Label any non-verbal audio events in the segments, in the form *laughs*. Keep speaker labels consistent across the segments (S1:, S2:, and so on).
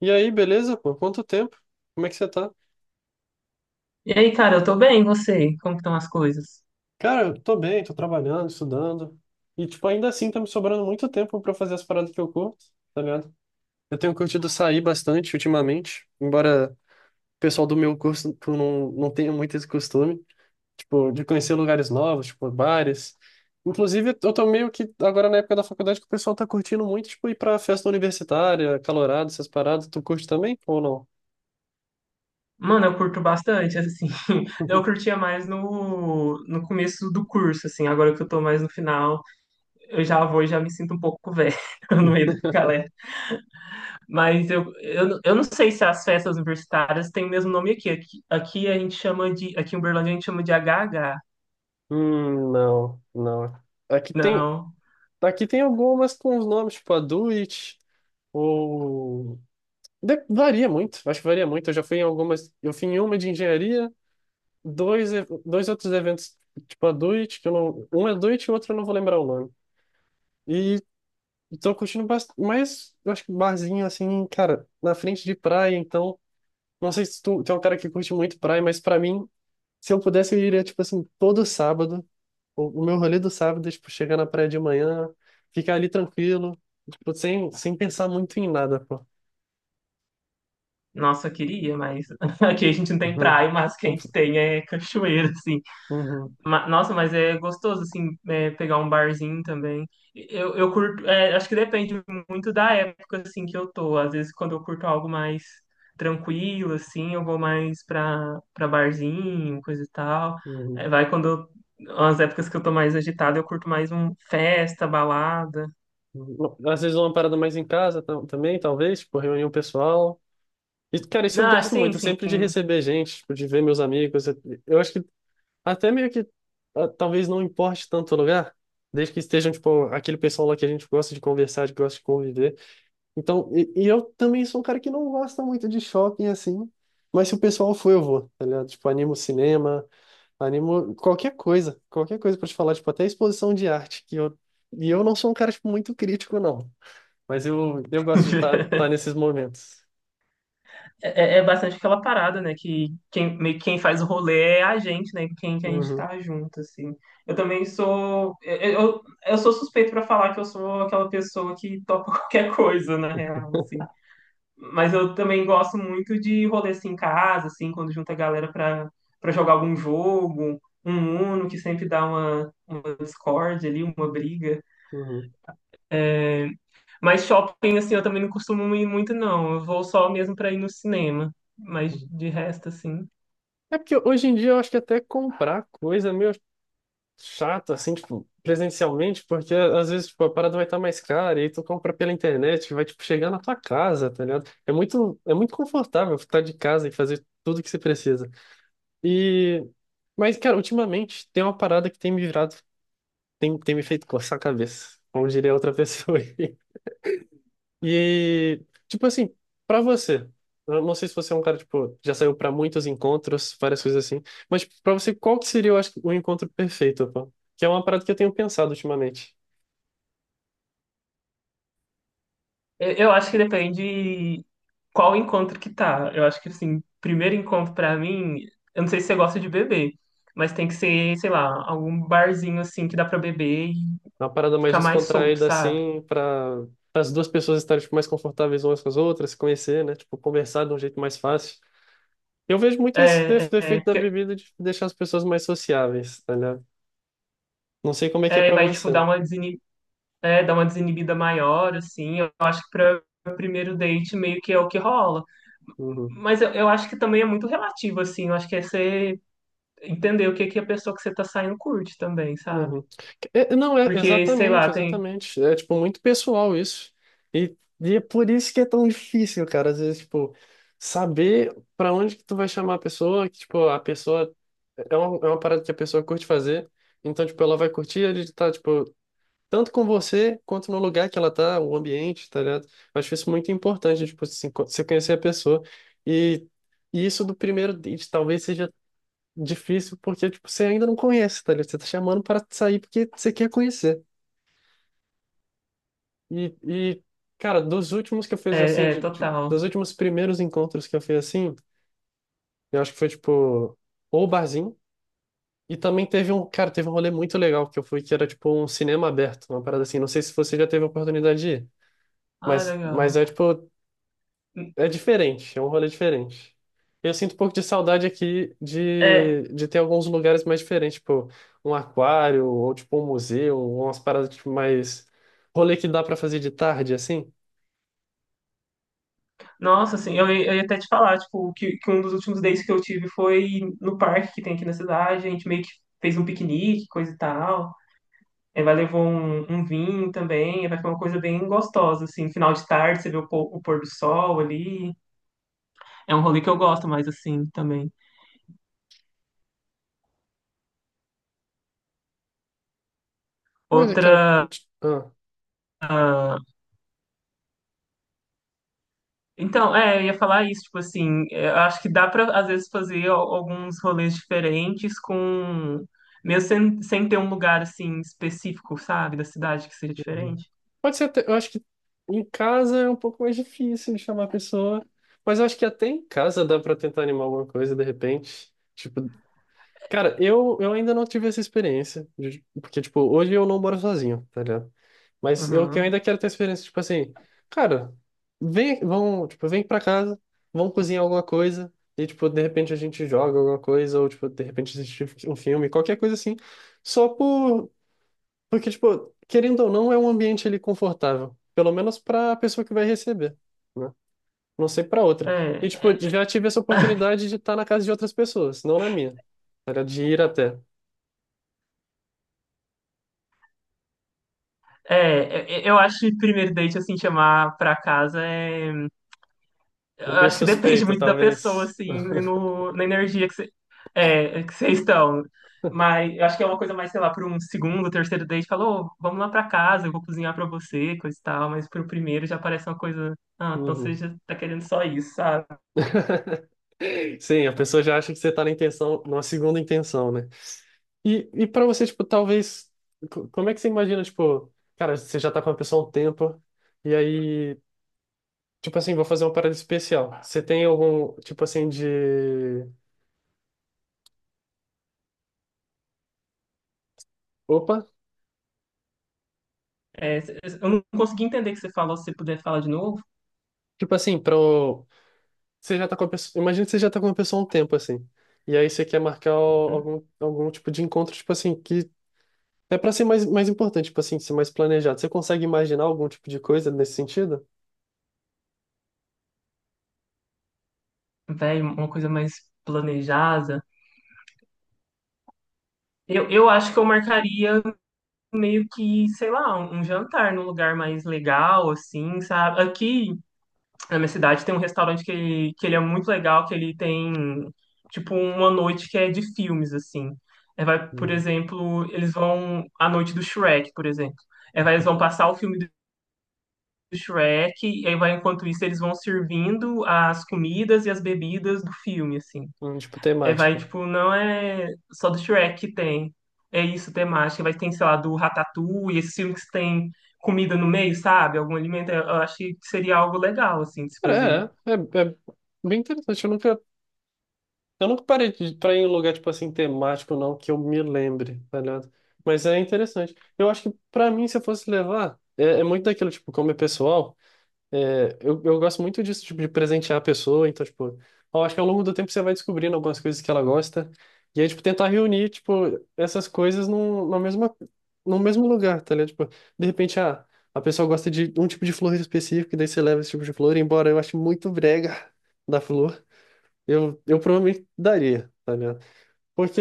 S1: E aí, beleza, pô? Quanto tempo? Como é que você tá?
S2: E aí, cara, eu tô bem, e você? Como que estão as coisas?
S1: Cara, eu tô bem, tô trabalhando, estudando. E, tipo, ainda assim tá me sobrando muito tempo pra fazer as paradas que eu curto, tá ligado? Eu tenho curtido sair bastante ultimamente, embora o pessoal do meu curso tu não tenha muito esse costume, tipo, de conhecer lugares novos, tipo, bares. Inclusive, eu tô meio que agora na época da faculdade que o pessoal tá curtindo muito, tipo, ir pra festa universitária, calorado, essas paradas. Tu curte também ou não?
S2: Mano, eu curto bastante, assim. *laughs* Eu
S1: *laughs*
S2: curtia mais no começo do curso, assim. Agora que eu tô mais no final, eu já vou e já me sinto um pouco velho *laughs* no meio da galera. Mas eu não sei se as festas universitárias têm o mesmo nome aqui. Aqui a gente chama de... Aqui em Uberlândia a gente chama de HH.
S1: Não, não. Aqui tem,
S2: Não...
S1: Aqui tem algumas com os nomes, tipo a Do It, ou. Varia muito, acho que varia muito. Eu já fui em algumas. Eu fui em uma de engenharia, dois outros eventos, tipo a Do It, que eu não. Um é Do It e o outro eu não vou lembrar o nome. E tô curtindo bastante. Mas eu acho que barzinho, assim, cara, na frente de praia, então. Não sei se tu é um cara que curte muito praia, mas pra mim, se eu pudesse, eu iria, tipo assim, todo sábado. O meu rolê do sábado é, tipo, chegar na praia de manhã, ficar ali tranquilo, tipo, sem pensar muito em nada, pô.
S2: Nossa, eu queria, mas *laughs* aqui a gente não tem
S1: Uhum.
S2: praia, mas o que a gente
S1: *laughs*
S2: tem é cachoeira, assim.
S1: Uhum.
S2: Nossa, mas é gostoso, assim, é, pegar um barzinho também. Eu curto, é, acho que depende muito da época, assim, que eu tô. Às vezes, quando eu curto algo mais tranquilo, assim, eu vou mais pra barzinho, coisa e tal.
S1: Uhum.
S2: É, vai quando eu, as épocas que eu tô mais agitado, eu curto mais um festa, balada.
S1: Uhum. Às vezes é uma parada mais em casa tam- também, talvez, tipo, reunião pessoal. E, cara, isso eu
S2: Não,
S1: gosto
S2: sim,
S1: muito,
S2: sim.
S1: sempre de receber gente, tipo, de ver meus amigos. Eu acho que até meio que ah, talvez não importe tanto o lugar, desde que estejam, tipo, aquele pessoal lá que a gente gosta de conversar, que gosta de conviver. Então, e eu também sou um cara que não gosta muito de shopping assim, mas se o pessoal for, eu vou, tá ligado? Tipo, animo cinema, animo qualquer coisa pra te falar, tipo, até exposição de arte, que eu, e eu não sou um cara, tipo, muito crítico, não, mas eu gosto de estar tá,
S2: *laughs*
S1: tá nesses momentos.
S2: É, é bastante aquela parada, né? Que quem, meio que quem faz o rolê é a gente, né? Quem que a gente
S1: Uhum,
S2: tá junto, assim. Eu também sou. Eu sou suspeito pra falar que eu sou aquela pessoa que topa *laughs* qualquer coisa, na real, assim. Mas eu também gosto muito de rolê assim em casa, assim, quando junta a galera pra jogar algum jogo, um Uno, que sempre dá uma discórdia ali, uma briga.
S1: uhum.
S2: Mas shopping, assim, eu também não costumo ir muito, não. Eu vou só mesmo pra ir no cinema. Mas
S1: Uhum.
S2: de resto, assim.
S1: É porque hoje em dia eu acho que até comprar coisa, meu. Chato, assim, tipo, presencialmente, porque às vezes, tipo, a parada vai estar mais cara, e aí tu compra pela internet, que vai, tipo, chegar na tua casa, tá ligado? É muito confortável ficar de casa e fazer tudo que você precisa. E... Mas, cara, ultimamente tem uma parada que tem me virado, tem me feito coçar a cabeça, como diria outra pessoa. *laughs* E, tipo assim, pra você, eu não sei se você é um cara, tipo, já saiu pra muitos encontros, várias coisas assim, mas tipo, pra você, qual que seria, eu acho, o encontro perfeito, pô? Que é uma parada que eu tenho pensado ultimamente.
S2: Eu acho que depende qual encontro que tá. Eu acho que, assim, primeiro encontro pra mim, eu não sei se você gosta de beber, mas tem que ser, sei lá, algum barzinho, assim, que dá pra beber e
S1: É uma parada mais
S2: ficar mais solto,
S1: descontraída,
S2: sabe?
S1: assim, pra as duas pessoas estarem, tipo, mais confortáveis umas com as outras, se conhecer, né? Tipo, conversar de um jeito mais fácil. Eu vejo muito esse def- defeito da
S2: Porque
S1: bebida de deixar as pessoas mais sociáveis, tá ligado? Não sei como é que é
S2: é,
S1: pra
S2: vai, tipo,
S1: você.
S2: dar uma é, dar uma desinibida maior, assim. Eu acho que pra primeiro date meio que é o que rola.
S1: Uhum.
S2: Mas eu acho que também é muito relativo, assim. Eu acho que é você entender o que que a pessoa que você tá saindo curte também, sabe?
S1: Uhum. É, não, é
S2: Porque, sei
S1: exatamente,
S2: lá, tem...
S1: exatamente. É tipo muito pessoal isso. E, e é por isso que é tão difícil, cara. Às vezes, tipo, saber pra onde que tu vai chamar a pessoa, que tipo, a pessoa é uma parada que a pessoa curte fazer. Então, tipo, ela vai curtir ele tá, tipo, tanto com você quanto no lugar que ela tá, o ambiente, tá ligado? Eu acho isso muito importante, tipo, assim, você conhecer a pessoa. E, e isso do primeiro date talvez seja difícil porque, tipo, você ainda não conhece, tá ligado? Você tá chamando para sair porque você quer conhecer. E cara, dos últimos que eu fiz assim,
S2: É, é, total.
S1: dos últimos primeiros encontros que eu fiz assim, eu acho que foi, tipo, ou barzinho. E também teve um, cara, teve um rolê muito legal que eu fui, que era, tipo, um cinema aberto, uma parada assim. Não sei se você já teve a oportunidade de ir,
S2: Ah,
S1: mas
S2: legal.
S1: é, tipo, é diferente, é um rolê diferente. Eu sinto um pouco de saudade aqui de,
S2: É,
S1: de ter alguns lugares mais diferentes, tipo um aquário, ou tipo um museu, ou umas paradas tipo, mais. Rolê que dá pra fazer de tarde, assim.
S2: nossa, assim, eu ia até te falar, tipo, que um dos últimos dates que eu tive foi no parque que tem aqui na cidade, a gente meio que fez um piquenique, coisa e tal. Aí vai levar um vinho também, aí vai ficar uma coisa bem gostosa, assim, final de tarde, você vê o pôr do sol ali. É um rolê que eu gosto mais, assim, também.
S1: Mas eu quero.
S2: Outra.
S1: Ah,
S2: Então, é, eu ia falar isso, tipo assim, é, eu acho que dá pra, às vezes, fazer alguns rolês diferentes com, mesmo sem ter um lugar, assim, específico, sabe, da cidade que seja
S1: uhum.
S2: diferente.
S1: Pode ser até. Eu acho que em casa é um pouco mais difícil de chamar a pessoa, mas eu acho que até em casa dá pra tentar animar alguma coisa de repente. Tipo, cara, eu ainda não tive essa experiência, de- porque, tipo, hoje eu não moro sozinho, tá ligado? Mas eu que eu ainda
S2: Uhum.
S1: quero ter experiência, tipo assim, cara, vem, vão, tipo, vem pra casa, vão cozinhar alguma coisa, e, tipo, de repente a gente joga alguma coisa, ou, tipo, de repente assiste um filme, qualquer coisa assim, só por, porque, tipo, querendo ou não, é um ambiente ali confortável, pelo menos pra pessoa que vai receber, né? Não sei pra outra. E,
S2: É,
S1: tipo, já tive essa
S2: é, *laughs*
S1: oportunidade de estar na casa de outras pessoas, não na minha, era de ir até.
S2: é, eu acho que primeiro date, assim, chamar pra casa é. Eu
S1: É meio
S2: acho que depende
S1: suspeito,
S2: muito da pessoa,
S1: talvez.
S2: assim,
S1: *laughs*
S2: e no, na energia que você é, que vocês estão. Mas eu acho que é uma coisa mais, sei lá, para um segundo, terceiro date, falou: "Ô, vamos lá para casa, eu vou cozinhar para você, coisa e tal." Mas pro primeiro já parece uma coisa, ah, então você
S1: Uhum.
S2: já tá querendo só isso, sabe?
S1: Sim, a pessoa já acha que você tá na intenção, numa segunda intenção, né? E para você, tipo, talvez. Como é que você imagina, tipo, cara, você já tá com a pessoa há um tempo, e aí, tipo assim, vou fazer uma parada especial. Você tem algum, tipo assim, de. Opa!
S2: É, eu não consegui entender o que você falou, se você puder falar de novo.
S1: Tipo assim, pro. Você já tá com a pessoa. Imagina que você já tá com a pessoa há um tempo, assim. E aí você quer marcar o-
S2: Uhum.
S1: algum, algum tipo de encontro, tipo assim, que é para ser mais, mais importante, tipo assim, ser mais planejado. Você consegue imaginar algum tipo de coisa nesse sentido?
S2: Véi, uma coisa mais planejada. Eu acho que eu marcaria meio que, sei lá, um jantar num lugar mais legal, assim, sabe? Aqui na minha cidade tem um restaurante que ele é muito legal, que ele tem tipo uma noite que é de filmes, assim. É, vai, por
S1: Uhum.
S2: exemplo, eles vão a noite do Shrek, por exemplo. É, vai, eles vão passar o filme do Shrek, e aí vai, enquanto isso, eles vão servindo as comidas e as bebidas do filme, assim.
S1: Tipo
S2: É, vai,
S1: temática.
S2: tipo, não é só do Shrek que tem. É isso, temática. Vai tem sei lá, do Ratatouille, esses filmes que tem comida no meio, sabe? Algum alimento. Eu acho que seria algo legal, assim, de se fazer.
S1: Cara, É bem interessante. Eu nunca parei pra ir em um lugar, tipo assim, temático, não, que eu me lembre, tá ligado? Mas é interessante. Eu acho que pra mim, se eu fosse levar, é muito daquilo, tipo, como é pessoal. É, eu gosto muito disso, tipo, de presentear a pessoa, então, tipo, eu acho que ao longo do tempo você vai descobrindo algumas coisas que ela gosta, e aí, tipo, tentar reunir, tipo, essas coisas no mesmo lugar, tá ligado? Tipo, de repente, ah, a pessoa gosta de um tipo de flor específico, e daí você leva esse tipo de flor, embora eu ache muito brega *laughs* da flor, eu provavelmente daria, tá ligado? Porque,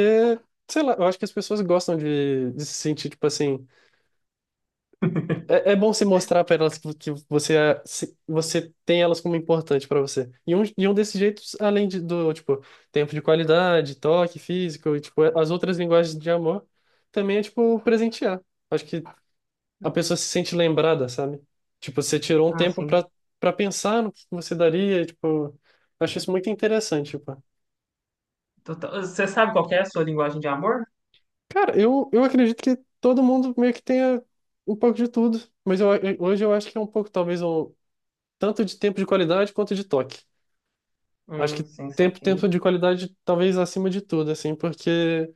S1: sei lá, eu acho que as pessoas gostam de se sentir, tipo assim,
S2: *laughs*
S1: é bom se mostrar para elas que você, você tem elas como importante para você. E um desses jeitos, além do, tipo, tempo de qualidade, toque físico, e, tipo, as outras linguagens de amor, também é, tipo, presentear. Acho que a pessoa se sente lembrada, sabe? Tipo, você tirou um
S2: Ah,
S1: tempo
S2: sim.
S1: para pensar no que você daria, e, tipo, acho isso muito interessante, tipo.
S2: Total. Você sabe qual que é a sua linguagem de amor?
S1: Cara, eu acredito que todo mundo meio que tenha um pouco de tudo, mas hoje eu acho que é um pouco, talvez, um tanto de tempo de qualidade quanto de toque. Acho que
S2: Sim,
S1: tempo,
S2: saquei.
S1: tempo de qualidade talvez acima de tudo, assim, porque,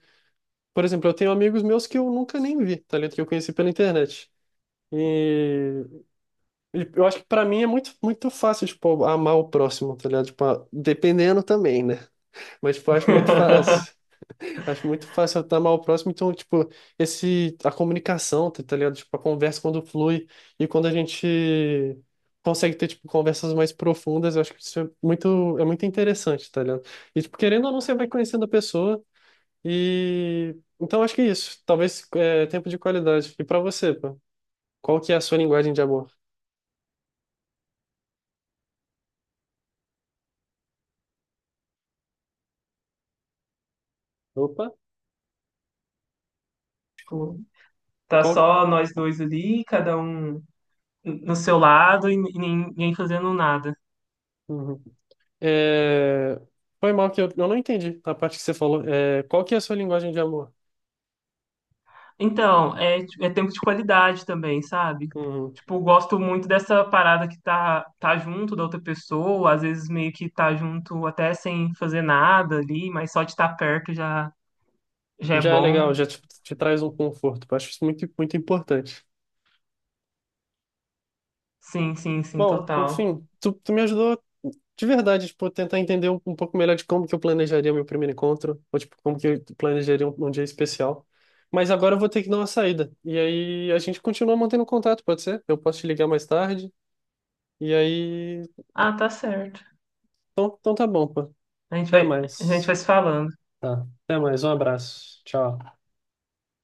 S1: por exemplo, eu tenho amigos meus que eu nunca nem vi, tá ligado? Que eu conheci pela internet. E, e eu acho que pra mim é muito, muito fácil, tipo, amar o próximo, tá ligado? Tipo, dependendo também, né? Mas, tipo, eu acho muito fácil.
S2: *laughs*
S1: Acho muito fácil estar mal próximo, então, tipo, esse, a comunicação, tá ligado? Tipo, a conversa quando flui e quando a gente consegue ter, tipo, conversas mais profundas, eu acho que isso é muito interessante, tá ligado? E, tipo, querendo ou não, você vai conhecendo a pessoa e... Então, acho que é isso. Talvez, é, tempo de qualidade. E pra você, pô, qual que é a sua linguagem de amor? Opa,
S2: Tipo, tá
S1: qual...
S2: só nós dois ali, cada um no seu lado e ninguém fazendo nada.
S1: Uhum. É... Foi mal que eu não entendi a parte que você falou. É, qual que é a sua linguagem de amor?
S2: Então, é, é tempo de qualidade também, sabe?
S1: Uhum.
S2: Tipo, gosto muito dessa parada que tá junto da outra pessoa, às vezes meio que tá junto até sem fazer nada ali, mas só de estar perto já, já é
S1: Já é
S2: bom.
S1: legal, já te traz um conforto. Eu acho isso muito, muito importante.
S2: Sim, sim, sim,
S1: Bom,
S2: total.
S1: enfim, tu me ajudou de verdade, tipo, a tentar entender um, pouco melhor de como que eu planejaria meu primeiro encontro, ou tipo, como que eu planejaria um dia especial. Mas agora eu vou ter que dar uma saída. E aí a gente continua mantendo contato, pode ser? Eu posso te ligar mais tarde. E aí.
S2: Ah, tá certo.
S1: Então tá bom, pô. Até
S2: A gente vai
S1: mais.
S2: se falando.
S1: Tá. Até mais. Um abraço. Tchau.